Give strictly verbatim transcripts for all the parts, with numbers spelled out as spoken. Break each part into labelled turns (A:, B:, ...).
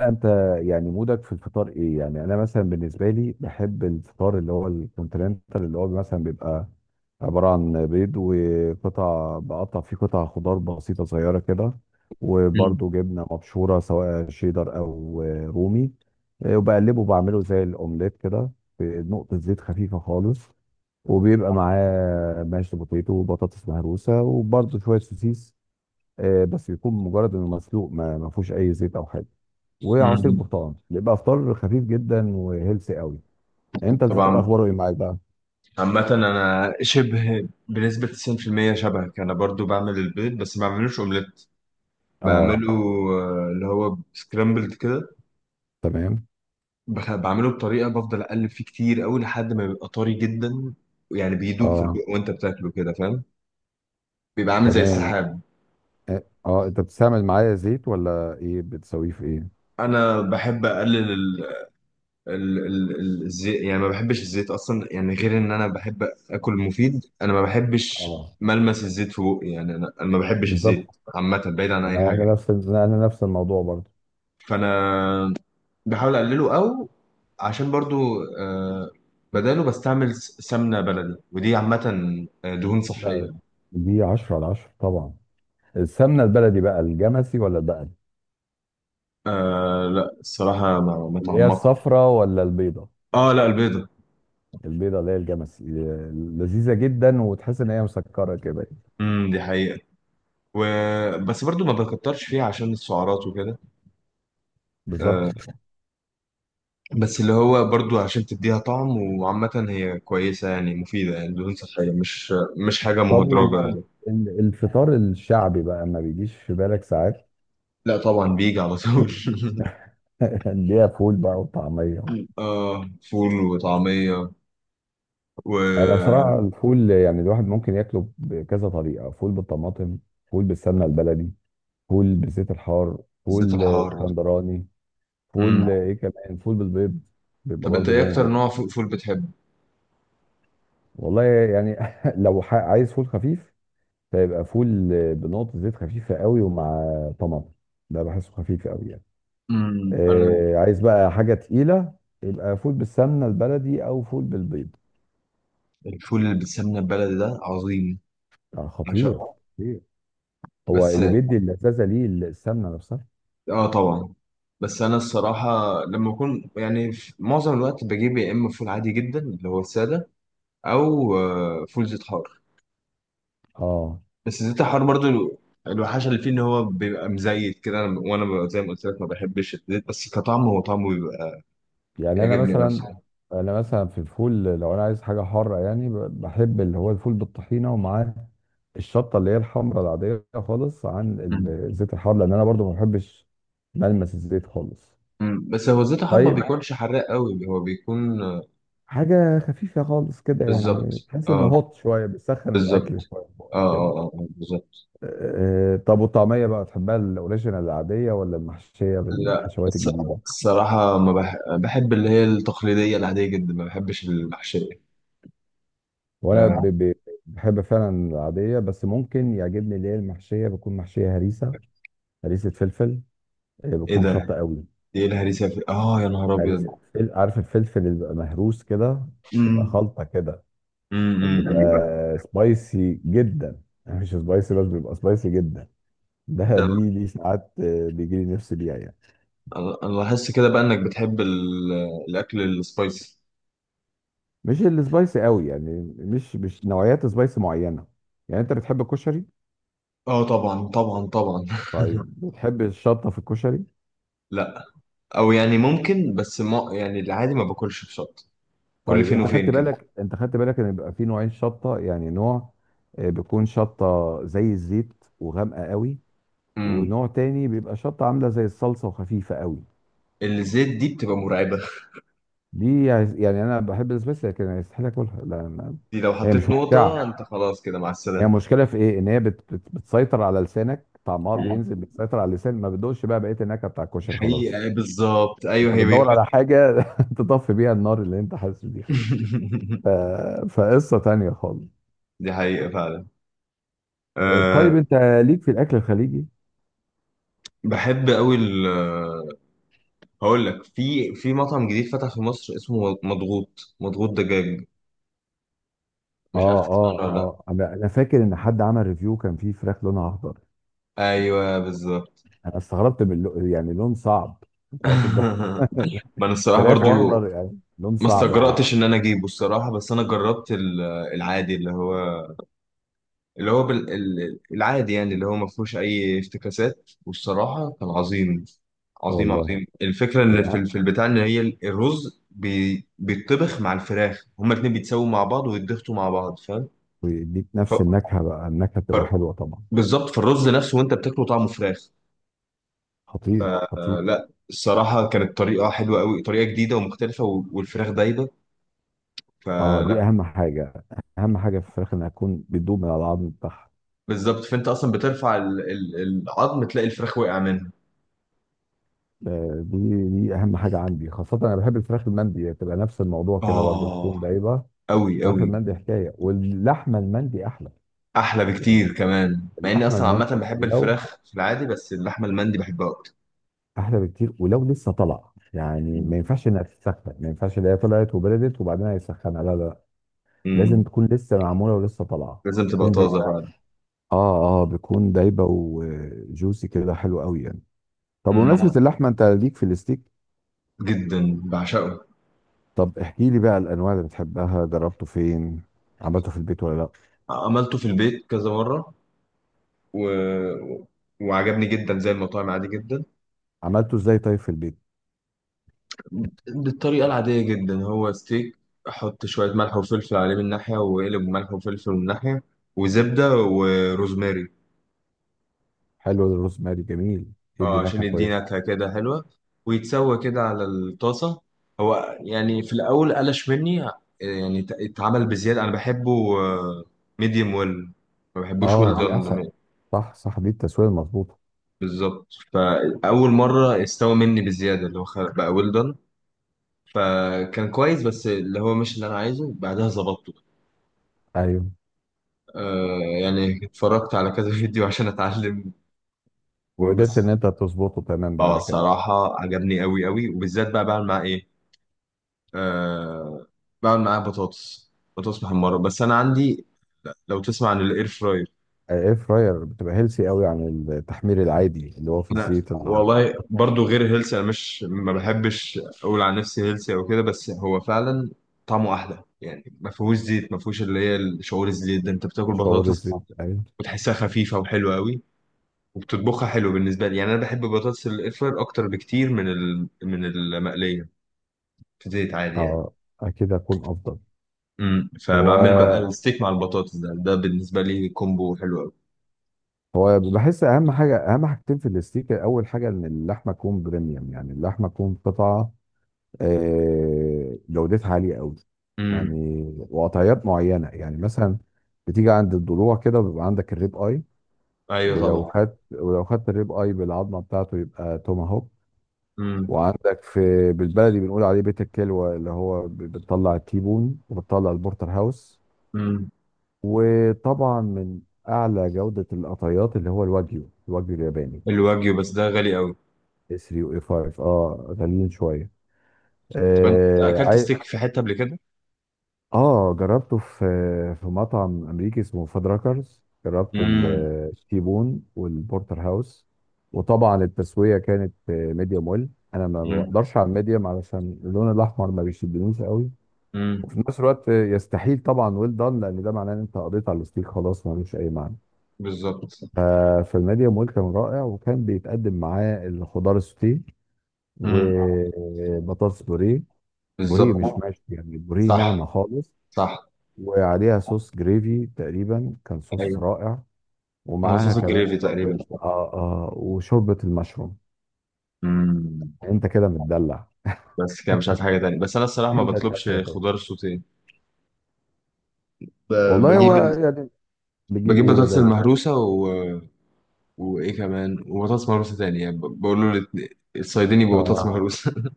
A: انت، يعني مودك في الفطار ايه؟ يعني انا مثلا بالنسبه لي بحب الفطار اللي هو الكونتيننتال، اللي هو مثلا بيبقى عباره عن بيض وقطع، بقطع فيه قطع خضار بسيطه صغيره كده،
B: مم.
A: وبرده جبنه مبشوره سواء شيدر او رومي. وبقلبه بعمله زي الاومليت كده بنقطه زيت خفيفه خالص. وبيبقى معاه ماشي بوتيتو وبطاطس مهروسه وبرده شويه سوسيس. آه، بس يكون مجرد انه مسلوق، ما ما فيهوش اي زيت او حاجه. وعصير
B: مم.
A: برتقال. بيبقى فطار خفيف جدا وهيلثي قوي. انت الفطار
B: طبعا،
A: اخباره ايه معاك بقى؟
B: عامة أنا شبه بنسبة تسعين في المية شبهك. أنا برضو بعمل البيض بس ما بعملوش أومليت.
A: اه،
B: بعمله، آه، اللي هو سكرامبلد كده.
A: تمام.
B: بخ- بعمله بطريقة، بفضل أقلب فيه كتير أوي لحد ما بيبقى طري جدا، يعني بيدوب في
A: اه،
B: البق وأنت بتاكله كده، فاهم؟ بيبقى عامل زي
A: تمام.
B: السحاب.
A: اه آه، انت بتستعمل معايا زيت ولا ايه؟ بتسويه في ايه؟
B: أنا بحب أقلل ال- ال- ال- الزيت، يعني ما بحبش الزيت اصلا، يعني غير ان انا بحب اكل مفيد. انا ما بحبش
A: اه،
B: ملمس الزيت في بوقي، يعني انا أنا ما بحبش الزيت.
A: بالظبط.
B: عامه بعيد عن اي حاجه
A: انا
B: يعني.
A: نفس انا نفس الموضوع برضه.
B: فانا بحاول اقلله، او عشان برضو، آه، بداله بستعمل س- سمنه بلدي، ودي عامه آه، دهون صحيه.
A: لا، دي عشرة على عشرة طبعا. السمنه البلدي بقى الجمسي ولا البقري؟
B: آه لا، الصراحه ما ما
A: اللي هي
B: اتعمقت.
A: الصفراء ولا البيضه؟
B: اه لا، البيضه.
A: البيضه اللي هي الجمسي. آه، لذيذه جدا وتحس ان هي مسكره كده.
B: امم دي حقيقه. و... بس برضو ما بكترش فيها عشان السعرات وكده. آه،
A: بالظبط.
B: بس اللي هو برضو عشان تديها طعم، وعامة هي كويسة يعني، مفيدة، يعني دهون صحية، مش مش حاجة
A: طب
B: مهدرجة يعني.
A: والفطار الشعبي بقى ما بيجيش في بالك ساعات؟
B: لا طبعا، بيجي على طول.
A: اللي هي فول بقى وطعمية.
B: مم. اه، فول وطعمية
A: انا
B: والزيت
A: بصراحة الفول يعني الواحد ممكن ياكله بكذا طريقة: فول بالطماطم، فول بالسمنة البلدي، فول بزيت الحار، فول آه،
B: الحار.
A: اسكندراني،
B: مم.
A: فول آه، ايه كمان، فول بالبيض. بيبقى
B: طب انت
A: برضه
B: ايه
A: جامد
B: اكتر
A: جدا.
B: نوع فو- فول بتحبه؟
A: والله يعني لو ح- عايز فول خفيف، فيبقى فول آه، بنقطة زيت خفيفة قوي ومع طماطم. ده بحسه خفيف قوي يعني.
B: مم. انا،
A: آه، عايز بقى حاجه تقيله، يبقى فول بالسمنه البلدي او فول بالبيض.
B: الفول اللي بالسمنة البلدي ده عظيم،
A: آه،
B: عشان،
A: خطير. خطير. هو
B: بس.
A: اللي بيدي اللذاذه ليه السمنه نفسها.
B: اه طبعا، بس انا الصراحة لما اكون، يعني في معظم الوقت بجيب يا اما فول عادي جدا اللي هو السادة، او آه، فول زيت حار.
A: اه.
B: بس زيت الحار برضو، الو- الوحشه اللي فيه ان هو بيبقى مزيت كده. أنا- وانا ببقى زي ما قلت لك، ما بحبش الزيت، بس كطعم هو طعمه بيبقى
A: يعني انا
B: بيعجبني
A: مثلا
B: اصلا.
A: انا مثلا في الفول، لو انا عايز حاجه حاره يعني، ب- بحب اللي هو الفول بالطحينه، ومعاه الشطه اللي هي الحمراء العاديه خالص، عن ال-
B: أمم.
A: الزيت الحار، لان انا برضو ما بحبش ملمس الزيت خالص.
B: أمم. بس هو زيت الحار ما
A: طيب.
B: بيكونش حراق قوي، هو بيكون آه،
A: حاجه خفيفه خالص كده يعني،
B: بالظبط.
A: تحس انه
B: اه،
A: هوت شويه، بيسخن
B: بالظبط.
A: الاكل شويه في
B: اه
A: بقك كده.
B: اه اه، آه، بالظبط.
A: آه، طب والطعميه بقى، تحبها الاوريجينال العاديه ولا المحشيه
B: لا،
A: بالحشوات
B: الص-
A: الجديده؟
B: الصراحة ما بح... بحب اللي هي التقليدية العادية جدا، ما بحبش المحشية.
A: وانا
B: آه.
A: ب- ب- بحب فعلا العاديه، بس ممكن يعجبني اللي هي المحشيه، بتكون محشيه هريسه. هريسه فلفل. آه،
B: ايه
A: بتكون شطه
B: ده؟
A: قوي.
B: دي ايه الهريسة؟ في... اه يا نهار ابيض.
A: هريسه فل- عارف الفلفل اللي بيبقى مهروس كده، بيبقى
B: امم.
A: خلطه كده،
B: امم. أمم.
A: بيبقى سبايسي جدا، يعني مش سبايسي بس بيبقى سبايسي جدا. ده
B: ده
A: دي دي ساعات بيجي لي نفسي بيها يعني.
B: انا أنا لاحظت كده بقى انك بتحب ال- الاكل السبايسي.
A: مش السبايسي قوي يعني، مش مش نوعيات سبايسي معينه. يعني انت بتحب الكشري.
B: اه طبعا طبعا طبعا.
A: طيب بتحب الشطه في الكشري؟
B: لا، او يعني ممكن، بس ما يعني، العادي ما باكلش بشطه. كل
A: طيب،
B: فين اه
A: انت خدت
B: وفين كده.
A: بالك انت خدت بالك ان بيبقى في نوعين شطه؟ يعني نوع آه، بيكون شطه زي الزيت وغامقه قوي،
B: امم.
A: ونوع تاني بيبقى شطه عامله زي الصلصه وخفيفه قوي.
B: الزيت دي بتبقى مرعبه،
A: دي يعني انا بحب السبايسي لكن يستحيل اكلها، لان
B: دي لو
A: هي
B: حطيت
A: مش
B: نقطه
A: ممتعه.
B: انت، خلاص كده، مع
A: هي
B: السلامه.
A: المشكله في ايه؟ ان هي بت بت بتسيطر على لسانك، طعمها
B: آه.
A: بينزل، بتسيطر على اللسان، ما بتدوقش بقى بقيه النكهه بتاع
B: دي
A: الكشري خلاص.
B: حقيقه، آه، بالظبط، ايوه،
A: أنت
B: هي هي.
A: بتدوّر على حاجة تطفّي بيها النار اللي أنت حاسس بيها. ف فقصّة تانية خالص.
B: دي حقيقه فعلا.
A: آآ
B: أه.
A: طيب أنت ليك في الأكل الخليجي؟
B: بحب قوي ال هقول لك، في في مطعم جديد فتح في مصر اسمه مضغوط مضغوط دجاج، مش عارف
A: آه،
B: تسمع
A: آه،
B: عنه ولا لا.
A: آه. أنا أنا فاكر إن حد عمل review كان فيه فراخ لونها أخضر.
B: ايوه بالظبط.
A: أنا استغربت من اللو، يعني لون صعب. أنت واخد بالك؟
B: ما انا الصراحه
A: فراخ
B: برضو
A: وأخضر، يعني لون
B: ما
A: صعب أوي.
B: استجرأتش ان انا اجيبه الصراحه، بس انا جربت ال- العادي، اللي هو، اللي هو بال... ال- العادي، يعني اللي هو ما فيهوش اي افتكاسات، والصراحه كان عظيم عظيم
A: والله.
B: عظيم. الفكره ان في
A: يع
B: ال- في البتاع، ان هي ال- الرز بي... بيتطبخ مع الفراخ، هما الاتنين بيتسووا مع بعض ويتضغطوا مع بعض، فاهم؟
A: ويدّيك نفس
B: ف...
A: النكهة بقى، النكهة
B: ف...
A: بتبقى حلوة طبعًا.
B: بالظبط، في الرز نفسه وانت بتاكله طعمه فراخ.
A: خطير، خطير.
B: فلا، الصراحه كانت طريقه حلوه قوي، طريقه جديده ومختلفه، و- والفراخ دايبه.
A: آه، دي
B: فلا
A: أهم حاجة، أهم حاجة في الفراخ إنها تكون بتدوب من على العضم بتاعها.
B: بالظبط، فانت اصلا بترفع ال- ال- العظم، تلاقي الفراخ وقع منها.
A: آه، دي دي اهم حاجه عندي، خاصه انا بحب الفراخ المندي، تبقى نفس الموضوع كده برضه، تكون
B: اه
A: دايبه.
B: قوي
A: الفراخ
B: قوي.
A: المندي حكايه، واللحمه المندي احلى.
B: احلى
A: يعني
B: بكتير كمان، مع اني
A: اللحمه
B: اصلا عامه
A: المندي
B: بحب
A: ولو
B: الفراخ في العادي، بس اللحمه المندي بحبها اكتر.
A: احلى بكتير، ولو لسه طالعه يعني، ما
B: مم.
A: ينفعش انها تتسخن، ما ينفعش اللي هي طلعت وبردت وبعدين هيسخنها. لا لا لا. لازم
B: امم.
A: تكون لسه معموله ولسه طالعه،
B: لازم تبقى
A: تكون
B: طازه
A: دايبه.
B: فعلا.
A: اه اه، بتكون دايبه وجوسي كده، حلو قوي يعني. طب بمناسبه
B: امم.
A: اللحمه، انت ليك في الستيك؟
B: جدا، بعشقه.
A: طب احكي لي بقى الانواع اللي بتحبها، جربته فين؟ عملته في البيت ولا لا؟
B: عملته في البيت كذا مره، و... وعجبني جدا زي المطاعم، عادي جدا.
A: عملته ازاي طيب في البيت؟
B: بالطريقة العادية جدا، هو ستيك، أحط شوية ملح وفلفل عليه من ناحية، وقلب ملح وفلفل من ناحية، وزبدة وروزماري.
A: حلو الروزماري، جميل، يدي
B: اه عشان
A: نكهه
B: يدي
A: كويسه.
B: نكهة كده حلوة، ويتسوى كده على الطاسة. هو يعني في الأول قلش مني، آه، يعني ات- اتعمل بزيادة. أنا بحبه ميديوم ويل، ما بحبوش ويل
A: اه دي احسن،
B: دون.
A: صح صح، دي التسويه المظبوطه.
B: بالظبط، فأول مرة استوى مني بزيادة، اللي هو خ- بقى ويل دون، فكان كويس، بس اللي هو مش اللي أنا عايزه. بعدها ظبطته،
A: ايوه.
B: آه يعني اتفرجت على كذا فيديو عشان اتعلم،
A: وقدرت
B: وبس.
A: ان انت تظبطه تمام
B: اه،
A: بعد كده؟
B: صراحة عجبني قوي قوي، وبالذات بقى بعمل معاه ايه، آه بعمل معاه بطاطس، بطاطس محمرة. بس انا عندي، لو تسمع عن الاير فراير.
A: الاير فراير بتبقى هيلسي قوي عن التحمير العادي اللي هو في
B: انا
A: الزيت العميق.
B: والله برضو غير هيلثي، انا مش، ما بحبش اقول عن نفسي هيلثي او كده، بس هو فعلا طعمه احلى، يعني ما فيهوش زيت، ما فيهوش اللي هي شعور الزيت ده، انت بتاكل
A: شعور
B: بطاطس
A: الزيت، ايوه.
B: وتحسها خفيفة وحلوة قوي. وبتطبخها حلو بالنسبة لي، يعني أنا بحب بطاطس الاير فراير أكتر بكتير من ال... من المقلية في زيت عادي يعني.
A: اه، اكيد هيكون افضل.
B: امم، فبعمل بقى
A: هو
B: الستيك مع البطاطس، ده ده بالنسبة لي كومبو حلو أوي.
A: هو بحس اهم حاجه، اهم حاجتين في الاستيك: اول حاجه ان اللحمه تكون بريميوم، يعني اللحمه تكون قطعه آه، جودتها عالية قوي.
B: امم.
A: يعني، وقطعيات معينة يعني، مثلا بتيجي عند الضلوع كده وبيبقى عندك الريب اي.
B: أيوه
A: ولو
B: طبعا.
A: خدت ولو خدت الريب اي بالعظمة بتاعته، يبقى توماهوك.
B: امم.
A: وعندك في بالبلدي بنقول عليه بيت الكلوة، اللي هو ب- بتطلع التيبون وبتطلع البورتر هاوس.
B: امم.
A: وطبعا من اعلى جودة القطعيات اللي هو الواجيو، الواجيو الياباني،
B: الواجيو بس ده غالي أوي.
A: اس تلاتة واي خمسة. اه غاليين شوية.
B: طب أنت أكلت
A: آه.
B: ستيك في حتة قبل كده؟
A: اه، جربته في في مطعم امريكي اسمه فادراكرز. جربت ال-
B: امم.
A: التيبون والبورتر هاوس. وطبعا التسويه كانت ميديوم ويل. انا ما
B: امم.
A: بقدرش على الميديوم، علشان اللون الاحمر ما بيشدنيش قوي،
B: امم.
A: وفي نفس الوقت يستحيل طبعا ويل دان، لان ده معناه ان انت قضيت على الستيك خلاص، ملوش اي معنى.
B: بالظبط.
A: ففي الميديوم ويل كان رائع، وكان بيتقدم معاه الخضار السوتيه
B: امم.
A: وبطاطس بوريه. بوريه
B: بالظبط.
A: مش ماشي يعني، بوريه
B: صح
A: ناعمه خالص،
B: صح.
A: وعليها صوص جريفي تقريبا، كان صوص
B: أيوه.
A: رائع.
B: هو
A: ومعاها
B: صوص
A: كمان
B: الجريفي
A: شوربة،
B: تقريبا.
A: آه آه وشوربة المشروم.
B: امم.
A: انت كده متدلع.
B: بس كده مش عارف حاجة تانية، بس أنا الصراحة ما
A: انت مش عايز
B: بطلبش
A: حاجة تاني؟
B: خضار سوتيه. ب-
A: والله هو
B: بجيب،
A: يعني. بتجيب
B: بجيب
A: ايه
B: بطاطس
A: بدل؟
B: المهروسة، و... وإيه كمان، وبطاطس مهروسة تانية، يعني ب- بقول له الاتنين- الصيادين، يبقى بطاطس، اه،
A: اه،
B: مهروسة.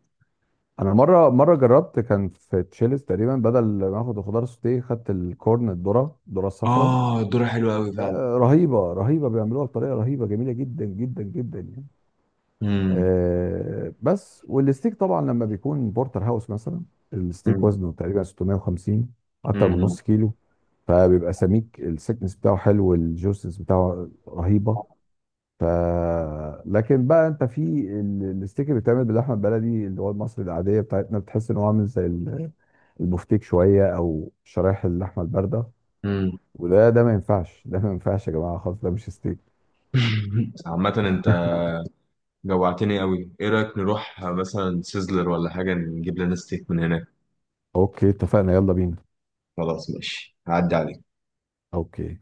A: انا مرة مرة جربت، كان في تشيلس تقريبا، بدل ما اخد الخضار سوتيه خدت الكورن، الذرة، الذرة الصفراء.
B: آه الذرة حلوة أوي فعلا.
A: آه رهيبة، رهيبة، بيعملوها بطريقة رهيبة، جميلة جدا جدا جدا يعني.
B: مم.
A: آه، بس والستيك طبعا لما بيكون بورتر هاوس مثلا، الستيك
B: مم.
A: وزنه تقريبا ستمية وخمسين، اكتر من
B: مم.
A: نص كيلو. فبيبقى سميك، السكنس بتاعه حلو والجوسنس بتاعه رهيبه. ف لكن بقى انت في ال- الستيك اللي بيتعمل باللحمه البلدي، اللي هو المصري العاديه بتاعتنا، بتحس ان هو عامل زي ال- البفتيك شويه، او شرايح اللحمه البارده.
B: مم.
A: وده ده ما ينفعش، ده ما ينفعش يا جماعه خالص، ده مش ستيك.
B: عامة أنت جوعتني أوي، إيه رأيك نروح مثلا سيزلر ولا حاجة، نجيب لنا ستيك من هناك؟
A: اوكي، اتفقنا، يلا بينا.
B: خلاص ماشي، هعدي عليك.
A: اوكي.